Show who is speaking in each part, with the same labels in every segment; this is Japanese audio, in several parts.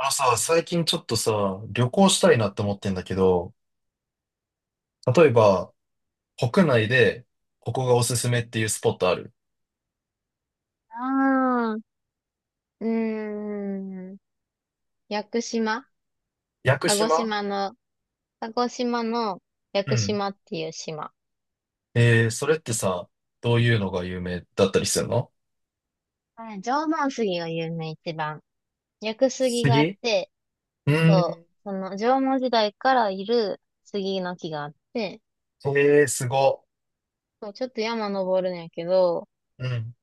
Speaker 1: あのさ、最近ちょっとさ、旅行したいなって思ってんだけど、例
Speaker 2: う
Speaker 1: え
Speaker 2: ん、
Speaker 1: ば、国内で、ここがおすすめっていうスポットある？
Speaker 2: ああ、うーん。屋久島。
Speaker 1: 屋久
Speaker 2: 鹿児
Speaker 1: 島。
Speaker 2: 島の、鹿児島の屋
Speaker 1: う
Speaker 2: 久
Speaker 1: ん。
Speaker 2: 島っていう島。
Speaker 1: それってさ、どういうのが有名だったりするの？
Speaker 2: はい、縄文杉が有名、一番。屋久杉があっ
Speaker 1: 杉。
Speaker 2: て、
Speaker 1: うー
Speaker 2: そ
Speaker 1: ん。
Speaker 2: う、その縄文時代からいる杉の木があって、
Speaker 1: えー、すご。
Speaker 2: そう、ちょっと山登るんやけど、
Speaker 1: うん。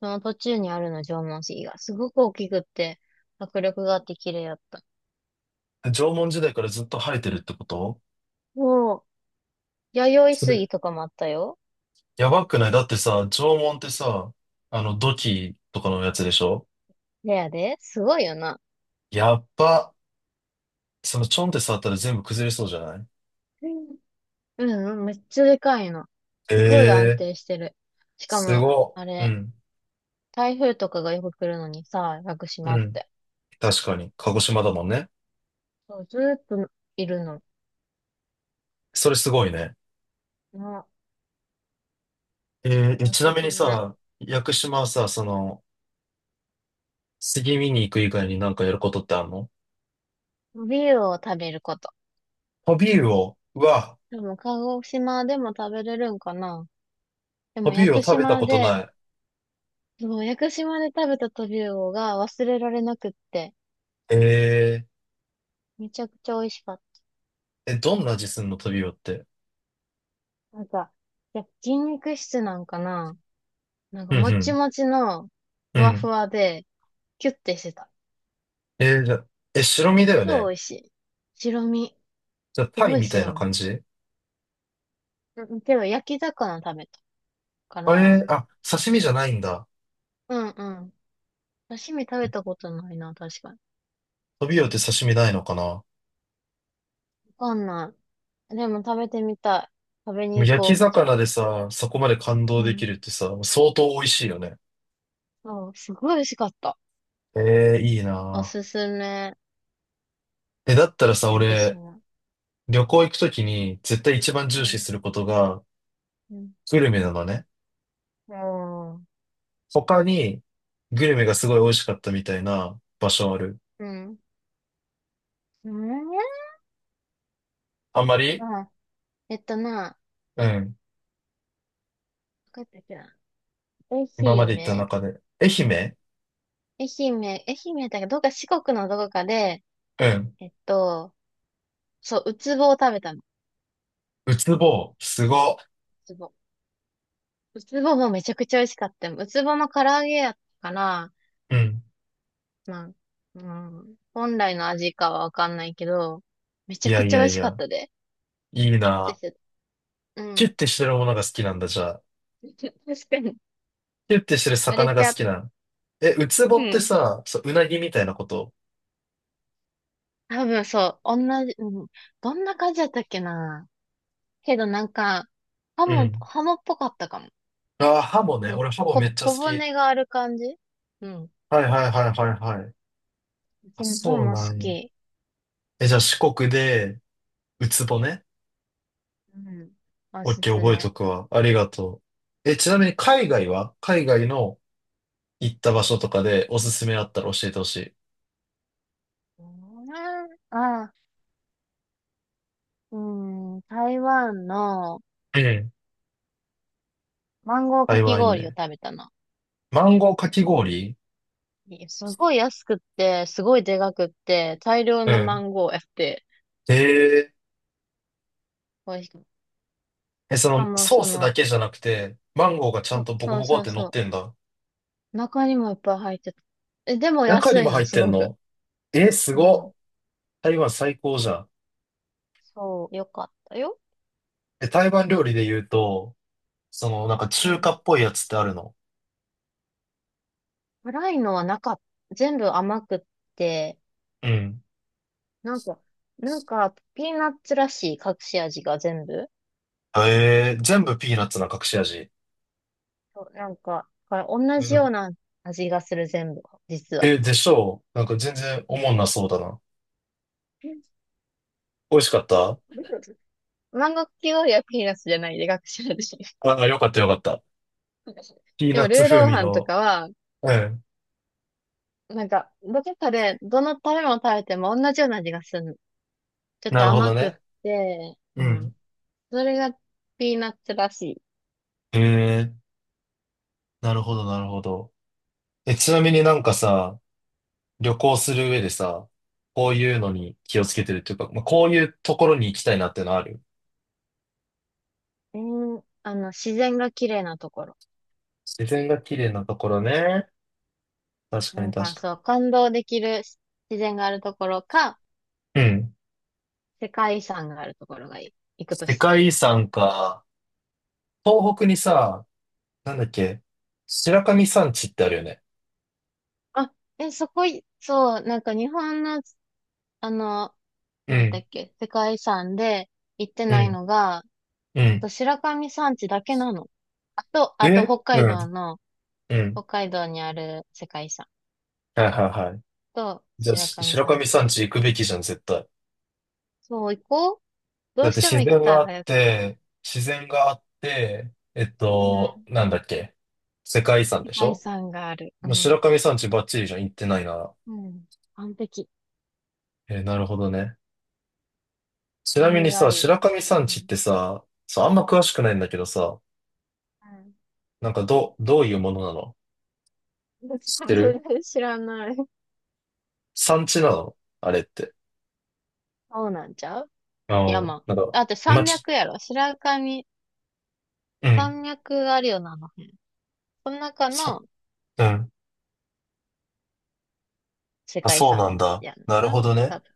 Speaker 2: その途中にあるの縄文杉がすごく大きくって、迫力があって綺麗やった。
Speaker 1: 縄文時代からずっと生えてるってこと？
Speaker 2: おう、弥生
Speaker 1: それ、
Speaker 2: 杉とかもあったよ。
Speaker 1: やばくない？だってさ、縄文ってさ、土器とかのやつでしょ？
Speaker 2: レアで、すごいよな。
Speaker 1: やっば。ちょんって触ったら全部崩れそうじゃない？
Speaker 2: うんうん、めっちゃでかいの。すごい安
Speaker 1: えー。
Speaker 2: 定してる。しか
Speaker 1: す
Speaker 2: も、
Speaker 1: ご
Speaker 2: あ
Speaker 1: い。う
Speaker 2: れ、
Speaker 1: ん。
Speaker 2: 台風とかがよく来るのにさ、屋久
Speaker 1: う
Speaker 2: 島っ
Speaker 1: ん。
Speaker 2: て。
Speaker 1: 確かに。鹿児島だもんね。
Speaker 2: そう、ずーっといるの。
Speaker 1: それすごいね。
Speaker 2: な、お
Speaker 1: ち
Speaker 2: す
Speaker 1: なみ
Speaker 2: す
Speaker 1: に
Speaker 2: め。
Speaker 1: さ、屋久島はさ、杉見に行く以外になんかやることってあるの？
Speaker 2: ビールを食べること。
Speaker 1: トビウオ。うわ、
Speaker 2: でも、鹿児島でも食べれるんかな？で
Speaker 1: ト
Speaker 2: も、
Speaker 1: ビ
Speaker 2: 屋
Speaker 1: ウオ
Speaker 2: 久
Speaker 1: 食べた
Speaker 2: 島
Speaker 1: こと
Speaker 2: で、
Speaker 1: ない。
Speaker 2: そう、屋久島で食べたトビウオが忘れられなくって、
Speaker 1: え
Speaker 2: めちゃくちゃ美味しかっ
Speaker 1: え、どんな味すんのトビウオって？
Speaker 2: た。なんか、いや、筋肉質なんかな？なん
Speaker 1: う
Speaker 2: か、
Speaker 1: んう
Speaker 2: もち
Speaker 1: ん。
Speaker 2: もちの、
Speaker 1: う
Speaker 2: ふわふ
Speaker 1: ん。
Speaker 2: わで、キュッてしてた。
Speaker 1: じゃあ、え、白身だよ
Speaker 2: 超
Speaker 1: ね。
Speaker 2: 美味しい。白身。
Speaker 1: じゃあ、
Speaker 2: す
Speaker 1: タ
Speaker 2: ご
Speaker 1: イ
Speaker 2: い
Speaker 1: みたい
Speaker 2: 白
Speaker 1: な
Speaker 2: 身。
Speaker 1: 感じ？
Speaker 2: うん、けど焼き魚食べたから、
Speaker 1: あ、刺身じゃないんだ。
Speaker 2: うんうん。刺身食べたことないな、確かに。
Speaker 1: トビウオって刺身ないのかな？
Speaker 2: わかんない。でも食べてみたい。食べ
Speaker 1: でも
Speaker 2: に行
Speaker 1: 焼き
Speaker 2: こう、じゃ
Speaker 1: 魚
Speaker 2: あ。
Speaker 1: でさ、そこまで感動
Speaker 2: う
Speaker 1: できる
Speaker 2: ん。
Speaker 1: ってさ、相当美味しいよね。
Speaker 2: そう、すごい美味しかった。
Speaker 1: ええいい
Speaker 2: お
Speaker 1: な
Speaker 2: すすめ。
Speaker 1: ぁ。え、だったらさ、
Speaker 2: 屋久
Speaker 1: 俺、
Speaker 2: 島。
Speaker 1: 旅行行くときに絶対一番
Speaker 2: う
Speaker 1: 重視
Speaker 2: ん。
Speaker 1: することが
Speaker 2: うん。
Speaker 1: グルメなのね。
Speaker 2: おー、
Speaker 1: 他にグルメがすごい美味しかったみたいな場所ある？
Speaker 2: うん。うん、
Speaker 1: あんまり。
Speaker 2: あ、えっとな、
Speaker 1: うん。
Speaker 2: どこやったっけな。愛
Speaker 1: 今まで行った
Speaker 2: 媛
Speaker 1: 中で。愛媛？
Speaker 2: 愛媛だけど、どっか四国のどこかで、
Speaker 1: うん。
Speaker 2: えっと、そう、ウツボを食べた、
Speaker 1: うつぼう。すご。
Speaker 2: つぼ。うつぼもめちゃくちゃ美味しかったよ。うつぼの唐揚げやったから、
Speaker 1: うん。
Speaker 2: まあ、うん、本来の味かはわかんないけど、めち
Speaker 1: い
Speaker 2: ゃ
Speaker 1: や
Speaker 2: く
Speaker 1: い
Speaker 2: ちゃ美
Speaker 1: やい
Speaker 2: 味しかっ
Speaker 1: や。
Speaker 2: たで。
Speaker 1: いい
Speaker 2: キュッて
Speaker 1: な
Speaker 2: し
Speaker 1: ぁ。
Speaker 2: てた。う
Speaker 1: キュッ
Speaker 2: ん。
Speaker 1: てしてるものが好きなんだ、じゃあ。
Speaker 2: 確かに。
Speaker 1: キュッてしてる
Speaker 2: あれ
Speaker 1: 魚が
Speaker 2: ち
Speaker 1: 好
Speaker 2: ゃう。
Speaker 1: きなの？え、うつぼ
Speaker 2: う
Speaker 1: って
Speaker 2: ん。
Speaker 1: さ、そう、うなぎみたいなこと？
Speaker 2: 多分そう。同じ、うん。どんな感じだったっけな。けどなんか、ハ
Speaker 1: う
Speaker 2: モ、
Speaker 1: ん。
Speaker 2: ハモっぽかったかも。
Speaker 1: ああ、ハモね。
Speaker 2: うん。
Speaker 1: 俺ハモめっちゃ好
Speaker 2: 小
Speaker 1: き。
Speaker 2: 骨がある感じ。うん。
Speaker 1: はいはいはいはいはい。
Speaker 2: う
Speaker 1: あ、
Speaker 2: ちの方
Speaker 1: そう
Speaker 2: も
Speaker 1: な
Speaker 2: 好
Speaker 1: んや。
Speaker 2: き。
Speaker 1: え、じゃあ四国で、ウツボね。
Speaker 2: うん。お
Speaker 1: オッ
Speaker 2: す
Speaker 1: ケー、
Speaker 2: す
Speaker 1: 覚えと
Speaker 2: め。
Speaker 1: くわ。ありがとう。え、ちなみに海外は海外の行った場所とかでおすすめあったら教えてほしい。
Speaker 2: うん、ああ。うん、台湾の
Speaker 1: ええ。
Speaker 2: マンゴーか
Speaker 1: 台
Speaker 2: き
Speaker 1: 湾いい
Speaker 2: 氷を
Speaker 1: ね。
Speaker 2: 食べたの。
Speaker 1: マンゴーかき氷？
Speaker 2: すごい安くって、すごいでかくって、大量
Speaker 1: う
Speaker 2: のマ
Speaker 1: ん。
Speaker 2: ンゴーやって、
Speaker 1: ええ
Speaker 2: 美味しく。し
Speaker 1: え、そ
Speaker 2: か
Speaker 1: の
Speaker 2: も、
Speaker 1: ソー
Speaker 2: そ
Speaker 1: スだ
Speaker 2: の、
Speaker 1: けじゃなくて、マンゴーがちゃ
Speaker 2: そ
Speaker 1: ん
Speaker 2: う
Speaker 1: とボコ
Speaker 2: そう
Speaker 1: ボコっ
Speaker 2: そう
Speaker 1: て乗っ
Speaker 2: そ
Speaker 1: てんだ。
Speaker 2: う、中にもいっぱい入ってた。え、でも
Speaker 1: 中
Speaker 2: 安
Speaker 1: にも
Speaker 2: い
Speaker 1: 入
Speaker 2: の、
Speaker 1: っ
Speaker 2: す
Speaker 1: てん
Speaker 2: ごく。
Speaker 1: の？えー、す
Speaker 2: う
Speaker 1: ごっ。
Speaker 2: ん。
Speaker 1: 台湾最高じゃん。
Speaker 2: そう、よかったよ。
Speaker 1: え、台湾料理で言うと、なんか
Speaker 2: う
Speaker 1: 中華
Speaker 2: ん。
Speaker 1: っぽいやつってあるの？
Speaker 2: 辛いのはなかった。全部甘くって、
Speaker 1: うん。
Speaker 2: なんか、なんか、ピーナッツらしい隠し味が全部。
Speaker 1: えー、全部ピーナッツな隠し味。
Speaker 2: そう、なんか、だから同
Speaker 1: う
Speaker 2: じよ
Speaker 1: ん、
Speaker 2: うな味がする、全部、実は。
Speaker 1: え、でしょう？なんか全然おもんなそうだな。美味しかった？
Speaker 2: 万国企業医はピーナスじゃないで、学者でしょ？
Speaker 1: あ、あよかったよかった。ピー
Speaker 2: で
Speaker 1: ナッ
Speaker 2: も、ル
Speaker 1: ツ
Speaker 2: ー
Speaker 1: 風
Speaker 2: ロー
Speaker 1: 味
Speaker 2: ハンと
Speaker 1: の。
Speaker 2: かは、
Speaker 1: うん。
Speaker 2: なんか、どこかで、どの食べ物食べても同じような味がするの。ちょっ
Speaker 1: な
Speaker 2: と
Speaker 1: るほ
Speaker 2: 甘
Speaker 1: ど
Speaker 2: くっ
Speaker 1: ね。
Speaker 2: て、
Speaker 1: う
Speaker 2: うん。
Speaker 1: ん。
Speaker 2: それがピーナッツらしい。
Speaker 1: えー、なるほどなるほど。え、ちなみになんかさ、旅行する上でさ、こういうのに気をつけてるっていうか、まあ、こういうところに行きたいなってのある？
Speaker 2: あの、自然が綺麗なところ。
Speaker 1: 自然が綺麗なところね。確
Speaker 2: な
Speaker 1: かに
Speaker 2: ん
Speaker 1: 確
Speaker 2: か、
Speaker 1: か
Speaker 2: そう、感動できる自然があるところか、
Speaker 1: に。うん。
Speaker 2: 世界遺産があるところがいい。行くと
Speaker 1: 世
Speaker 2: したら。
Speaker 1: 界遺産か。東北にさ、なんだっけ、白神山地ってあるよね。
Speaker 2: あ、え、そこい、そう、なんか日本の、あの、
Speaker 1: う
Speaker 2: なんだっ
Speaker 1: ん、
Speaker 2: け、世界遺産で行って
Speaker 1: う
Speaker 2: ない
Speaker 1: ん、
Speaker 2: のが、
Speaker 1: うん。
Speaker 2: と白神山地だけなの。あと
Speaker 1: え
Speaker 2: 北
Speaker 1: う
Speaker 2: 海
Speaker 1: ん、
Speaker 2: 道の、
Speaker 1: う
Speaker 2: 北
Speaker 1: ん。
Speaker 2: 海道にある世界遺産
Speaker 1: はいはいはい。
Speaker 2: と
Speaker 1: じゃあ、
Speaker 2: 白
Speaker 1: し
Speaker 2: 神
Speaker 1: 白
Speaker 2: 山
Speaker 1: 神
Speaker 2: 地だ
Speaker 1: 山
Speaker 2: け。
Speaker 1: 地行くべきじゃん、絶対。
Speaker 2: そう、行こう。ど
Speaker 1: だっ
Speaker 2: うし
Speaker 1: て
Speaker 2: ても
Speaker 1: 自
Speaker 2: 行き
Speaker 1: 然
Speaker 2: た
Speaker 1: が
Speaker 2: い、
Speaker 1: あっ
Speaker 2: 早く。
Speaker 1: て、自然があって、
Speaker 2: うん。
Speaker 1: なんだっけ、世界遺産
Speaker 2: 世
Speaker 1: でし
Speaker 2: 界遺
Speaker 1: ょ？
Speaker 2: 産がある。う
Speaker 1: もう
Speaker 2: ん。
Speaker 1: 白神山地バッチリじゃん、行ってないなら。
Speaker 2: うん。完璧。
Speaker 1: えーなるほどね。ちなみ
Speaker 2: 何
Speaker 1: に
Speaker 2: が
Speaker 1: さ、
Speaker 2: いい。
Speaker 1: 白神山
Speaker 2: う
Speaker 1: 地っ
Speaker 2: ん。
Speaker 1: てさ、そう、あんま詳しくないんだけどさ、
Speaker 2: う
Speaker 1: なんかどういうものなの？
Speaker 2: ん。どっち
Speaker 1: 知っ
Speaker 2: か
Speaker 1: てる？
Speaker 2: 全然知らない。
Speaker 1: 山地なのあれって。
Speaker 2: そうなんちゃう、山。
Speaker 1: なん
Speaker 2: だ
Speaker 1: か、
Speaker 2: って
Speaker 1: ま
Speaker 2: 山
Speaker 1: あ、
Speaker 2: 脈やろ。白神、
Speaker 1: うん。
Speaker 2: 山脈があるよな、あの辺。その中
Speaker 1: さ、
Speaker 2: の
Speaker 1: うん。
Speaker 2: 世
Speaker 1: あ、
Speaker 2: 界遺
Speaker 1: そう
Speaker 2: 産
Speaker 1: なんだ。
Speaker 2: やん
Speaker 1: なるほ
Speaker 2: な。
Speaker 1: どね。
Speaker 2: 多分。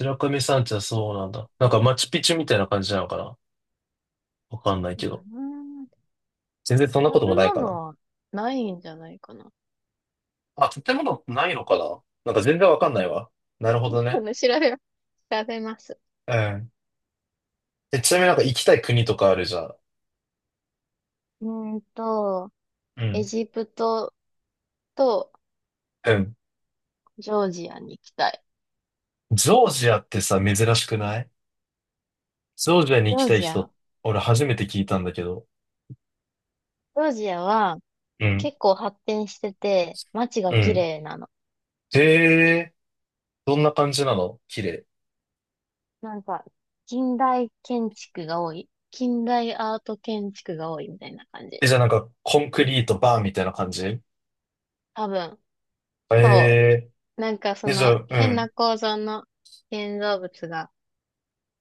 Speaker 1: 白神山地はそうなんだ。なんかマチュピチュみたいな感じなのかな？わかんない
Speaker 2: うー
Speaker 1: けど。
Speaker 2: ん、
Speaker 1: 全然そんなこ
Speaker 2: 食
Speaker 1: とも
Speaker 2: べ
Speaker 1: ないか
Speaker 2: 物
Speaker 1: な。
Speaker 2: はないんじゃないかな。
Speaker 1: あ、建物ないのかな？なんか全然わかんないわ。なるほど
Speaker 2: 調
Speaker 1: ね。
Speaker 2: べ調べます。
Speaker 1: うん。え、ちなみになんか行きたい国とかあるじゃん。
Speaker 2: うーんと、
Speaker 1: う
Speaker 2: エ
Speaker 1: ん。
Speaker 2: ジプトと
Speaker 1: うん。
Speaker 2: ジョージアに行きたい。
Speaker 1: ジョージアってさ、珍しくない？ジョージアに
Speaker 2: ジ
Speaker 1: 行き
Speaker 2: ョー
Speaker 1: たい
Speaker 2: ジア、
Speaker 1: 人、俺初めて聞いたんだけど。
Speaker 2: ジョージアは
Speaker 1: うん。
Speaker 2: 結構発展してて、街が
Speaker 1: う
Speaker 2: 綺
Speaker 1: ん。
Speaker 2: 麗なの。
Speaker 1: へえ、どんな感じなの？綺麗？
Speaker 2: なんか、近代建築が多い。近代アート建築が多いみたいな感じ。
Speaker 1: え、じゃあなんか、コンクリートバーみたいな感じ？
Speaker 2: 多分。
Speaker 1: え
Speaker 2: そ
Speaker 1: え
Speaker 2: う。なんかそ
Speaker 1: ー、え、じゃ
Speaker 2: の
Speaker 1: あ、う
Speaker 2: 変な
Speaker 1: ん。
Speaker 2: 構造の建造物が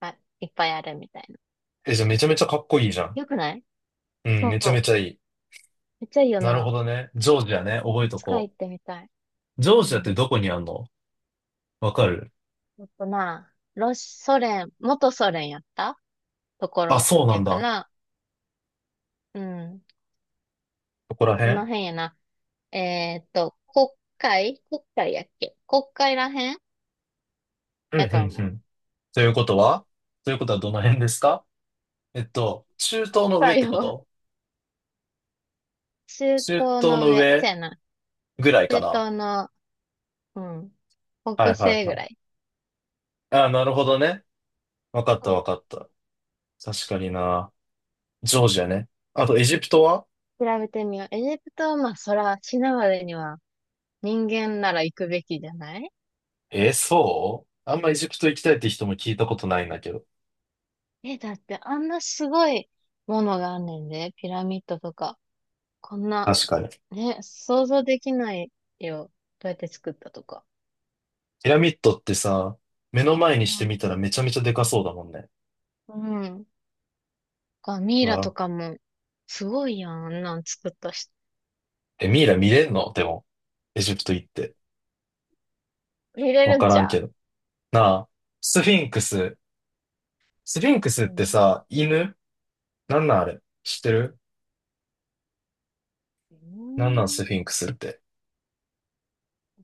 Speaker 2: あいっぱいあるみたいな。
Speaker 1: え、じゃあめちゃめちゃかっこいいじゃん。
Speaker 2: よくない？
Speaker 1: うん、
Speaker 2: そ
Speaker 1: めちゃめ
Speaker 2: う。
Speaker 1: ちゃいい。
Speaker 2: めっちゃいいよ
Speaker 1: なるほ
Speaker 2: な。
Speaker 1: どね。ジョージアね、覚え
Speaker 2: い
Speaker 1: と
Speaker 2: つか
Speaker 1: こ
Speaker 2: 行ってみたい。
Speaker 1: う。ジョ
Speaker 2: う
Speaker 1: ージアって
Speaker 2: ん。
Speaker 1: どこにあんの？わかる？
Speaker 2: あとな、ロシ、ソ連、元ソ連やったとこ
Speaker 1: あ、
Speaker 2: ろ
Speaker 1: そうな
Speaker 2: や
Speaker 1: ん
Speaker 2: か
Speaker 1: だ。
Speaker 2: ら、うん。
Speaker 1: ここら
Speaker 2: この
Speaker 1: 辺？
Speaker 2: 辺やな。えーっと、国国会やっけ、国会らへん
Speaker 1: うん、う
Speaker 2: やと
Speaker 1: ん、う
Speaker 2: 思う。
Speaker 1: ん。ということはということはどの辺ですか？中
Speaker 2: 国
Speaker 1: 東の上っ
Speaker 2: 会
Speaker 1: てこ
Speaker 2: を
Speaker 1: と？
Speaker 2: 中
Speaker 1: 中
Speaker 2: 東
Speaker 1: 東
Speaker 2: の
Speaker 1: の
Speaker 2: 上。そ
Speaker 1: 上
Speaker 2: やな。
Speaker 1: ぐらいか
Speaker 2: 中
Speaker 1: な。
Speaker 2: 東の、うん。
Speaker 1: は
Speaker 2: 北
Speaker 1: いは
Speaker 2: 西
Speaker 1: いは
Speaker 2: ぐ
Speaker 1: い。
Speaker 2: らい。
Speaker 1: あ、なるほどね。わかったわかった。確かにな。ジョージアね。あと、エジプトは？
Speaker 2: 調べてみよう。エジプトはまあ、そら、死ぬまでには、人間なら行くべきじゃない？
Speaker 1: そうあんまエジプト行きたいって人も聞いたことないんだけど。
Speaker 2: え、だってあんなすごいものがあんねんで、ピラミッドとか。こんな、
Speaker 1: 確かに。
Speaker 2: ね、想像できないよ。どうやって作ったとか。
Speaker 1: ピラミッドってさ、目の前
Speaker 2: う
Speaker 1: にしてみ
Speaker 2: ん。
Speaker 1: たらめちゃめちゃでかそうだもんね。
Speaker 2: うん。あ、ミ
Speaker 1: う
Speaker 2: イラと
Speaker 1: わ。
Speaker 2: かも、すごいやん、あんなん作ったし。
Speaker 1: え、ミイラ見れんの？でも、エジプト行って。
Speaker 2: 見れ
Speaker 1: わ
Speaker 2: るん
Speaker 1: か
Speaker 2: じ
Speaker 1: らん
Speaker 2: ゃ
Speaker 1: け
Speaker 2: ん。
Speaker 1: ど。なあ、スフィンクス。スフィンクスっ
Speaker 2: う
Speaker 1: て
Speaker 2: ん。
Speaker 1: さ、犬？なんなんあれ知ってる？
Speaker 2: うー
Speaker 1: なんなんス
Speaker 2: ん。わ
Speaker 1: フィンクスって？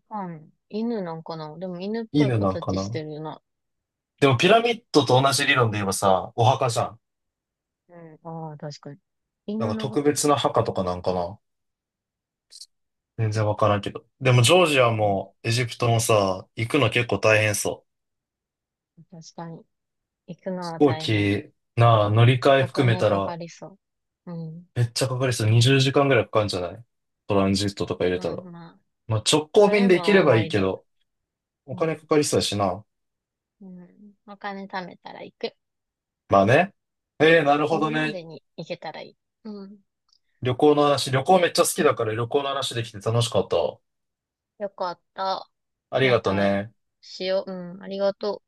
Speaker 2: かんない。犬なんかな？でも犬っぽい
Speaker 1: 犬なんか
Speaker 2: 形
Speaker 1: な？
Speaker 2: してるな。
Speaker 1: でもピラミッドと同じ理論で言えばさ、お墓じゃん。
Speaker 2: うん。ああ、確かに。
Speaker 1: なん
Speaker 2: 犬
Speaker 1: か
Speaker 2: の白
Speaker 1: 特
Speaker 2: 衣。
Speaker 1: 別な墓とかなんかな？全然わからんけど。でも、ジョージア
Speaker 2: うん、
Speaker 1: もエジプトもさ、行くの結構大変そう。
Speaker 2: 確かに。行くの
Speaker 1: 飛
Speaker 2: は
Speaker 1: 行
Speaker 2: 大変。
Speaker 1: 機、なあ、乗り換え
Speaker 2: お
Speaker 1: 含め
Speaker 2: 金
Speaker 1: た
Speaker 2: か
Speaker 1: ら、
Speaker 2: かりそう。うん。
Speaker 1: めっちゃかかりそう。20時間ぐらいかかるんじゃない？トランジットとか入れた
Speaker 2: まあ
Speaker 1: ら。
Speaker 2: まあ。
Speaker 1: まあ、直行
Speaker 2: そ
Speaker 1: 便
Speaker 2: れ
Speaker 1: で行け
Speaker 2: も
Speaker 1: れば
Speaker 2: 思
Speaker 1: いい
Speaker 2: い
Speaker 1: け
Speaker 2: 出。
Speaker 1: ど、お
Speaker 2: う
Speaker 1: 金
Speaker 2: ん。
Speaker 1: かかりそうやしな。
Speaker 2: うん。お金貯めたら行く。
Speaker 1: まあね。ええ、なる
Speaker 2: 死
Speaker 1: ほど
Speaker 2: ぬま
Speaker 1: ね。
Speaker 2: でに行けたらいい。うん。
Speaker 1: 旅行の話、旅行めっちゃ好きだから旅行の話できて楽しかったわ。
Speaker 2: よかった。
Speaker 1: あり
Speaker 2: ま
Speaker 1: がと
Speaker 2: た
Speaker 1: ね。
Speaker 2: しよう。うん。ありがとう。